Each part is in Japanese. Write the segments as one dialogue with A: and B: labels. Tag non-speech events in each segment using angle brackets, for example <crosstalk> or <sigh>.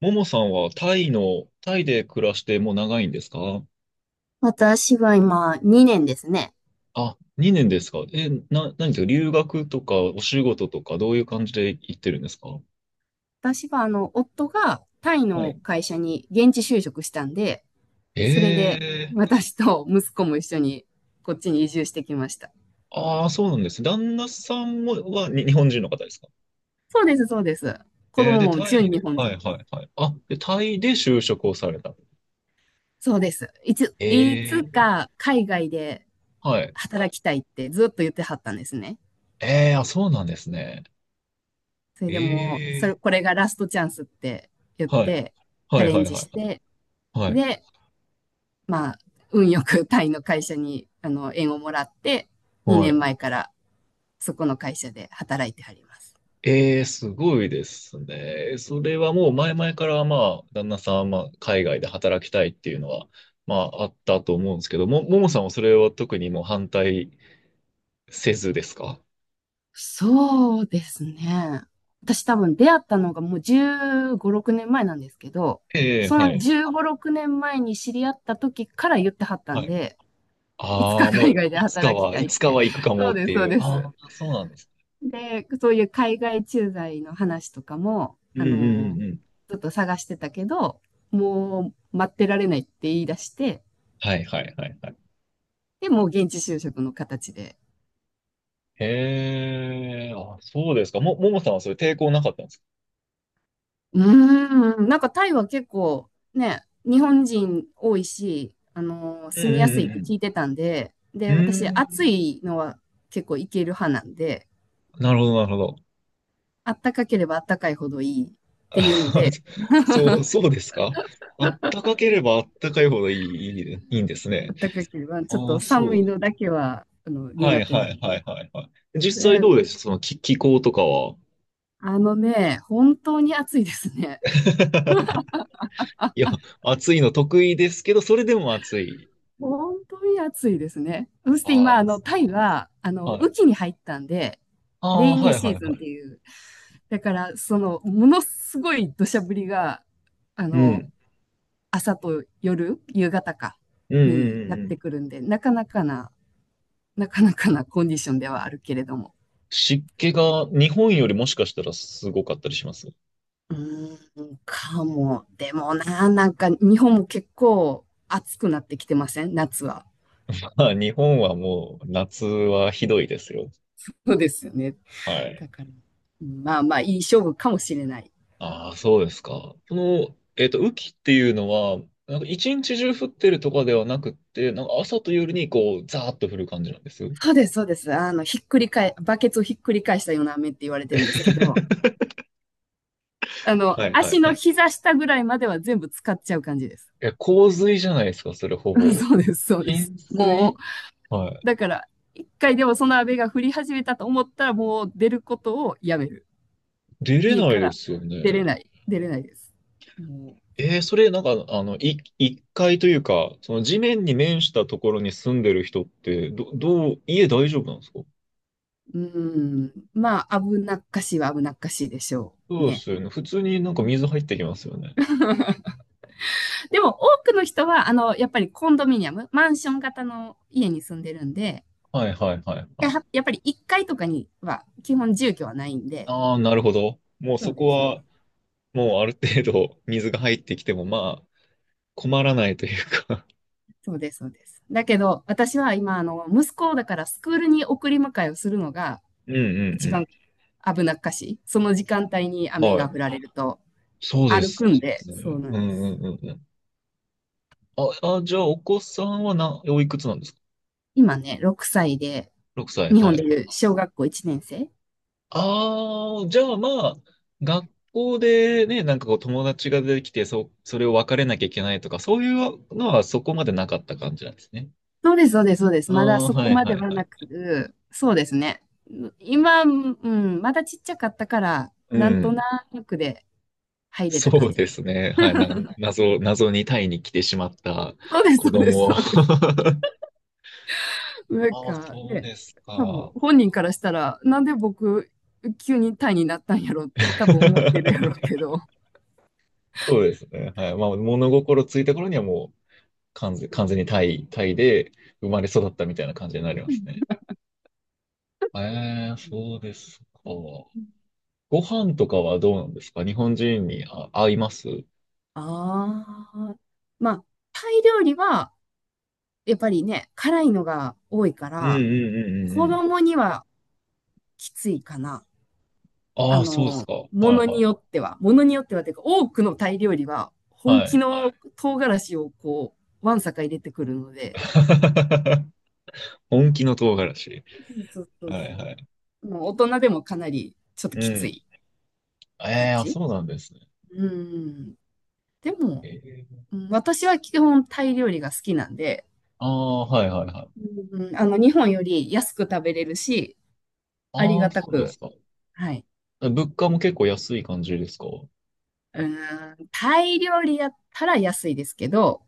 A: ももさんはタイで暮らしてもう長いんですか？
B: 私は今2年ですね。
A: あ、2年ですか？何ですか？留学とかお仕事とかどういう感じで行ってるんですか？
B: 私は夫がタイ
A: は
B: の
A: い。
B: 会社に現地就職したんで、それ
A: え
B: で
A: ー、
B: 私と息子も一緒にこっちに移住してきました。
A: ああ、そうなんですね。旦那さんも日本人の方ですか？
B: そうです、そうです。子供
A: で、
B: も
A: タイ
B: 純日
A: で、
B: 本
A: はい
B: 人。
A: はいはい。あ、で、タイで就職をされた。
B: そうです。い
A: え
B: つ
A: ー。
B: か海外で
A: はい。
B: 働きたいってずっと言ってはったんですね。
A: ええ、あ、そうなんですね。
B: それでもう、それ、
A: え
B: これがラストチャンスって言っ
A: ー、はい。
B: て、チ
A: は
B: ャ
A: い
B: レ
A: は
B: ン
A: い
B: ジ
A: は
B: し
A: い
B: て、
A: はい。
B: で、まあ、運よくタイの会社に、縁をもらって、
A: は
B: 2
A: い。
B: 年前からそこの会社で働いてはります。
A: ええ、すごいですね。それはもう前々から、まあ、旦那さんはまあ、海外で働きたいっていうのは、まあ、あったと思うんですけど、ももさんはそれは特にもう反対せずですか？
B: そうですね。私多分出会ったのがもう15、6年前なんですけど、
A: ええ、
B: そ
A: は
B: の
A: い、
B: 15、6年前に知り合った時から言ってはった
A: は
B: ん
A: い。
B: で、いつ
A: あ
B: か
A: あ、も
B: 海
A: う、
B: 外で
A: いつか
B: 働き
A: は、
B: た
A: い
B: い
A: つ
B: っ
A: か
B: て。
A: は行く
B: <laughs>
A: か
B: そ
A: も
B: う
A: っ
B: です、
A: て
B: そう
A: いう。
B: です。
A: ああ、そうなんです。
B: で、そういう海外駐在の話とかも、
A: うんうんうんうん。
B: ちょっと探してたけど、もう待ってられないって言い出して、
A: はい、はい、はい、はい。
B: で、もう現地就職の形で。
A: へえ、あ、そうですか。ももさんはそれ抵抗なかったんですか？
B: うなんかタイは結構ね、日本人多いし、
A: うん
B: 住みやすいっ
A: う
B: て聞い
A: ん
B: てたんで、
A: う
B: で、
A: ん
B: 私、
A: う
B: 暑
A: ん。
B: いのは結構いける派なんで、
A: うーん、なるほど、なるほど。
B: あったかければあったかいほどいい
A: <laughs>
B: って
A: あ、
B: いうので、
A: そう、そうですか？あったかければあったかいほどいい、いい、いいんです
B: あ
A: ね。
B: ったかければちょっ
A: あ
B: と
A: あ、そ
B: 寒い
A: う。
B: のだけは、
A: は
B: 苦
A: い
B: 手
A: は
B: な
A: い
B: ん
A: はい
B: で。
A: はいはい。実際
B: で、
A: どうです気候とかは。
B: 本当に暑いですね。
A: <laughs> いや、暑いの得意ですけど、それでも暑い。
B: 本当に暑いですね。そして
A: あ
B: 今、タイは、
A: あ、は
B: 雨
A: い。
B: 季に入ったんで、
A: あ
B: レ
A: あ、
B: イ
A: は
B: ニー
A: い
B: シ
A: は
B: ー
A: い
B: ズ
A: は
B: ンって
A: い。
B: いう、だから、ものすごい土砂降りが、あ
A: う
B: の、
A: ん。
B: 朝と夜、夕方か、
A: うんう
B: に
A: んう
B: や
A: ん
B: っ
A: うん。
B: てくるんで、なかなかなコンディションではあるけれども。
A: 湿気が日本よりもしかしたらすごかったりします？
B: うーん、かも。でもな、なんか、日本も結構暑くなってきてません？夏は。
A: <laughs> まあ、日本はもう夏はひどいですよ。
B: そうですよね。
A: はい。
B: だから、まあまあ、いい勝負かもしれない。
A: ああ、そうですか。その、雨季っていうのは、一日中降ってるとかではなくって、朝と夜にこう、ザーッと降る感じなんです？
B: そうです、そうです。あの、ひっくり返、バケツをひっくり返したような飴って言われてるんですけど、
A: <laughs> はいはい
B: 足
A: は
B: の
A: い。
B: 膝下ぐらいまでは全部使っちゃう感じです。
A: え、洪水じゃないですか、それほ
B: <laughs>
A: ぼ。
B: そうです、そうです。
A: 浸
B: も
A: 水。は
B: う、
A: い。
B: だから、一回でもその飴が降り始めたと思ったら、もう出ることをやめる。
A: 出れ
B: 家
A: ない
B: か
A: で
B: ら
A: すよ
B: 出
A: ね。
B: れない、出れないです。も
A: えー、それ一階というか、その地面に面したところに住んでる人って、ど、どう、家大丈夫なんですか？
B: う、うーん、まあ、危なっかしいは危なっかしいでしょ
A: そ
B: う
A: うで
B: ね。
A: すよね。普通に水入ってきますよね。
B: <laughs> でも、多くの人は、やっぱりコンドミニアム、マンション型の家に住んでるんで、
A: はいはいはいは
B: や
A: い。
B: やっぱり1階とかには基本住居はないんで、
A: ああ、なるほど。もう
B: そ
A: そ
B: う
A: こ
B: です、そうで
A: は、
B: す。
A: もうある程度水が入ってきても、まあ、困らないというか。
B: そうです、そうです。だけど、私は今、息子をだからスクールに送り迎えをするのが
A: うんう
B: 一番
A: ん
B: 危なっかしい。その時間帯に
A: うん。
B: 雨
A: は
B: が
A: い。
B: 降られると
A: そうで
B: 歩
A: す
B: くんで、そう
A: ね。
B: な
A: う
B: ん
A: ん
B: です。
A: うんうんうん。じゃあ、お子さんはおいくつなんですか？
B: 今ね、6歳で、
A: 6 歳。
B: 日本
A: は
B: で
A: いはい。
B: いう小学校1年生。
A: ああ、じゃあまあ、学校でね、こう友達が出てきて、それを別れなきゃいけないとか、そういうのはそこまでなかった感じなんですね。
B: そうです、そうです、そうで
A: あ
B: す。まだ
A: あ、
B: そ
A: は
B: こ
A: い
B: まで
A: はい
B: は
A: は
B: な
A: い。
B: く、そうですね。今、うん、まだちっちゃかったから、
A: う
B: なんとな
A: ん。
B: くで入れた
A: そ
B: 感
A: う
B: じ。
A: ですね。はい。なんか、謎にタイに来てしまった
B: そうです、そ
A: 子
B: うです、
A: 供。
B: そうです。
A: <laughs>
B: なん
A: ああ、
B: か
A: そう
B: ね、
A: です
B: 多分
A: か。
B: 本人からしたら、なんで僕、急にタイになったんやろって多分思ってるやろう
A: <laughs>
B: けど。あ
A: そうですね。はい。まあ、物心ついた頃にはもう完全にタイで生まれ育ったみたいな感じになりますね。ええ、そうですか。ご飯とかはどうなんですか？日本人に、あ、合います？うん
B: あ。まあ、タイ料理は、やっぱりね、辛いのが多いか
A: うんう
B: ら、
A: んうんう
B: 子
A: ん。
B: 供にはきついかな。
A: ああ、そうですか。はい
B: ものに
A: は
B: よっては、ものによってはというか、多くのタイ料理は、
A: い。
B: 本
A: は
B: 気
A: い。
B: の唐辛子をこう、わんさか入れてくるので、
A: <laughs> 本気の唐辛子。
B: そうそう
A: は
B: そ
A: い
B: う
A: は
B: そ
A: い。
B: う。もう大人でもかなりちょっと
A: う
B: きつ
A: ん。
B: い
A: え
B: 感
A: え、あ、
B: じ。
A: そうなんですね。
B: うん。でも、
A: ええ。
B: うん、私は基本タイ料理が好きなんで、
A: ああ、はいはいはい。
B: うん、日本より安く食べれるし、あり
A: ああ、
B: がた
A: そうで
B: く、
A: すか。
B: はい。
A: 物価も結構安い感じですか？
B: うん、タイ料理やったら安いですけど、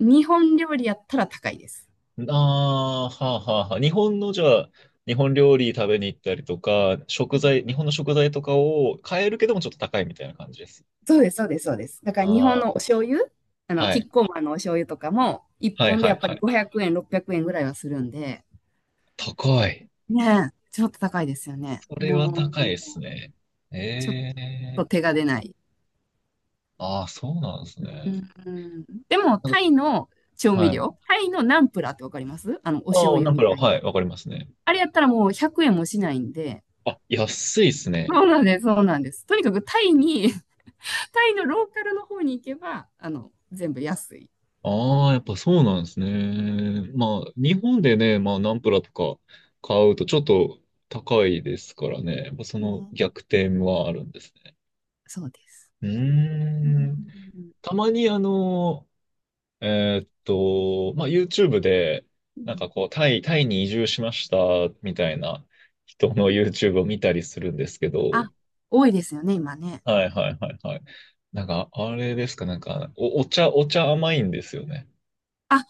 B: 日本料理やったら高いです。
A: ああー、はあはあはあ。日本の、じゃあ、日本料理食べに行ったりとか、
B: う
A: 食
B: ん、
A: 材、日本の食材とかを買えるけどもちょっと高いみたいな感じです
B: そうです、そうです、そうです。だから日本
A: あ
B: のお醤油、
A: あ、は
B: キ
A: い。
B: ッコーマンのお醤油とかも、一
A: はい
B: 本で
A: は
B: や
A: い
B: っぱ
A: は
B: り
A: い。
B: 500円、600円ぐらいはするんで、
A: 高い。
B: ねえ、ちょっと高いですよね。
A: それは
B: も
A: 高い
B: う、
A: ですね。
B: ちょっ
A: ええ。
B: と手が出ない。
A: ああー、そうなんです
B: う
A: ね。
B: んうん、でも、
A: なん
B: タ
A: か、
B: イの調味
A: は
B: 料、
A: い。
B: タイのナンプラーってわかります？お醤
A: ああ、な
B: 油
A: ん
B: み
A: か、
B: たい
A: は
B: な。
A: い、わかりますね。
B: あれやったらもう100円もしないんで、
A: あ、安いですね。
B: そうなんです、そうなんです。とにかくタイに、<laughs> タイのローカルの方に行けば、全部安い。
A: ああ、やっぱそうなんですね。まあ、日本でね、まあ、ナンプラとか買うとちょっと高いですからね。やっぱその
B: ね、
A: 逆転はあるんですね。
B: そうです。
A: うー
B: うんう
A: ん。
B: ん
A: たまにまあ、YouTube で、
B: う
A: なん
B: ん、
A: かこう、タイに移住しましたみたいな人の YouTube を見たりするんですけ
B: あ、
A: ど、
B: 多いですよね、今ね。
A: はいはいはいはい。なんか、あれですか、なんか、お茶甘いんですよね。
B: あ、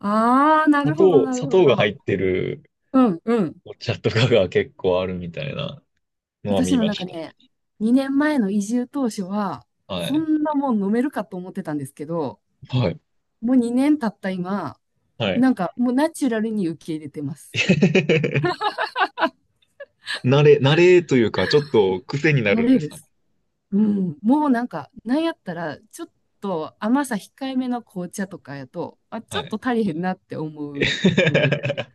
B: ああ、な
A: 砂
B: るほど、
A: 糖、
B: なる
A: 砂
B: ほ
A: 糖が入
B: ど。
A: ってる、
B: うん、うん。
A: お茶とかが結構あるみたいなのは
B: 私
A: 見
B: も
A: ま
B: なん
A: し
B: か
A: た。
B: ね、2年前の移住当初は、
A: は
B: こ
A: い。
B: んなもん飲めるかと思ってたんですけど、
A: はい。
B: もう2年経った今、
A: はい。
B: なんかもうナチュラルに受け入れてます。
A: <laughs> 慣れというか、ちょっと癖にな
B: 慣
A: るんで
B: れ
A: す
B: で
A: かね。
B: す。うん。もうなんか、なんやったら、ちょっと甘さ控えめの紅茶とかやと、あ、ち
A: は
B: ょっ
A: い。
B: と足りへんなって思うレベル。
A: <laughs>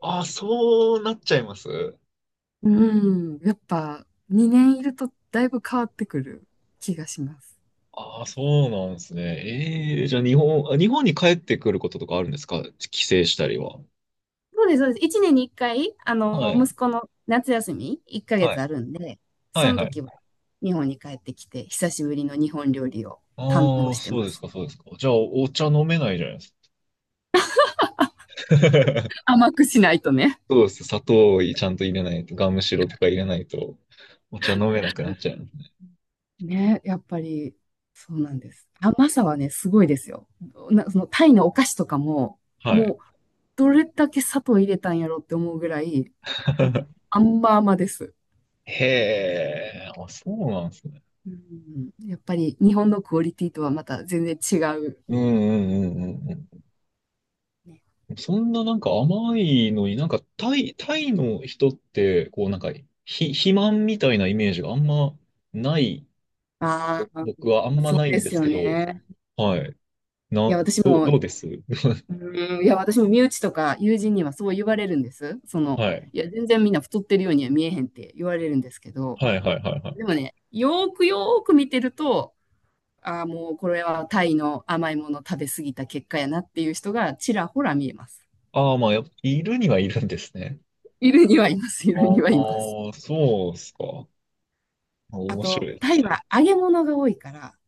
A: ああ、そうなっちゃいます？
B: うん。やっぱ、2年いるとだいぶ変わってくる気がします。
A: ああ、そうなんですね。ええ、じゃあ日本に帰ってくることとかあるんですか？帰省したりは。
B: そうです、そうです。1年に1回、
A: はい。
B: 息子の夏休み1ヶ
A: は
B: 月
A: い。
B: あるんで、
A: は
B: そ
A: い
B: の
A: はい。
B: 時は日本に帰ってきて、久しぶりの日本料理を堪能
A: ああ、
B: して
A: そう
B: ま
A: です
B: す。
A: か、そうですか。じゃあ、お茶飲めないじゃないですか。<laughs>
B: 甘くしないとね。
A: そうです。砂糖をちゃんと入れないと、ガムシロとか入れないと、お茶飲めなくなっちゃう。
B: ね、やっぱり、そうなんです。甘さはね、すごいですよ。そのタイのお菓子とかも、
A: は
B: も
A: い。
B: う、どれだけ砂糖入れたんやろって思うぐらい、もう
A: <laughs>
B: 甘々です。
A: へえ、あ、そうなんですね。
B: うん、やっぱり日本のクオリティとはまた全然違う。
A: うんうんうんうん
B: ね、
A: うん。そんな、なんか甘いのに、なんかタイの人ってこう、なんか肥満みたいなイメージがあんまない、
B: あ
A: 僕はあん
B: あ、
A: ま
B: そう
A: ない
B: で
A: んで
B: す
A: す
B: よ
A: けど、
B: ね。
A: はい。
B: い
A: な、
B: や、私
A: どう、
B: も、
A: どうです <laughs>
B: うん、いや、私も身内とか友人にはそう言われるんです。
A: はい。
B: いや、全然みんな太ってるようには見えへんって言われるんですけど、
A: はいはいはいはい。
B: でもね、よーくよーく見てると、ああ、もうこれはタイの甘いもの食べ過ぎた結果やなっていう人がちらほら見えます。
A: ああ、まあ、やっぱいるにはいるんですね。
B: いるにはいます、い
A: あ
B: るにはいます。
A: あ、そうっすか。
B: あ
A: 面白い
B: と、
A: で
B: タイ
A: す。
B: は揚げ物が多いから、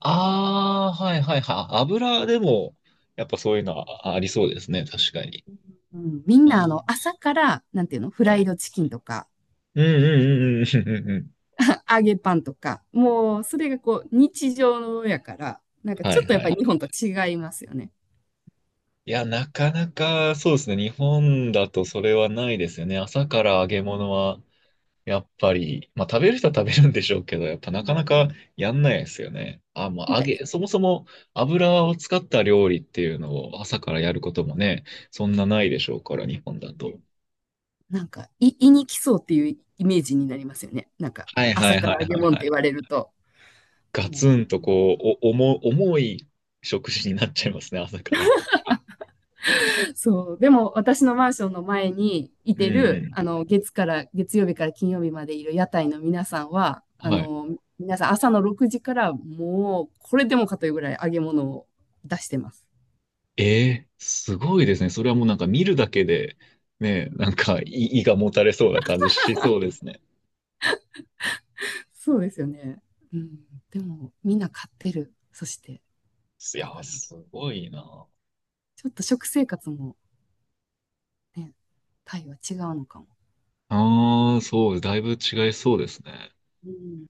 A: ああ、はいはいはい。油でも、やっぱそういうのはありそうですね。確かに。
B: うん、みんな
A: あ
B: 朝から、なんていうの、フ
A: ー、
B: ラ
A: は
B: イ
A: い。
B: ドチキンとか、
A: うんうんうんうんうんうんうん。
B: <laughs> 揚げパンとか、もうそれがこう日常のやから、なんか
A: は
B: ちょ
A: い
B: っとやっ
A: は
B: ぱり
A: い。
B: 日本と違いますよね。
A: いや、なかなかそうですね。日本だとそれはないですよね。朝から揚げ物は、やっぱり、まあ食べる人は食べるんでしょうけど、やっぱな
B: う
A: かな
B: ん、
A: かやんないですよね。あ、
B: な
A: ま
B: ん
A: あ揚
B: か、
A: げ、そもそも油を使った料理っていうのを朝からやることもね、そんなないでしょうから、日本だと。
B: なんかい、胃に来そうっていうイメージになりますよね。なんか、
A: はいは
B: 朝
A: い
B: か
A: はい
B: ら揚げ
A: はい
B: 物っ
A: は
B: て言
A: い。
B: われると。で
A: ガツ
B: も、
A: ンと
B: うん、
A: こう、お、重い食事になっちゃいますね、朝から。
B: そう。でも、私のマンションの前にい
A: う
B: て
A: ん
B: る、
A: う
B: 月曜日から金曜日までいる屋台の皆さんは、
A: ん。はい。
B: 皆さん朝の6時からもう、これでもかというぐらい揚げ物を出してます。
A: えー、すごいですね。それはもうなんか見るだけで、ね、なんか胃がもたれそうな感じしそうですね。
B: そうですよね。うん。でも、みんな買ってる。そして、
A: い
B: だ
A: やー、
B: から、ち
A: すごいな。
B: ょっと食生活もね、タイは違うのかも。
A: ああ、そう、だいぶ違いそうですね。
B: うん。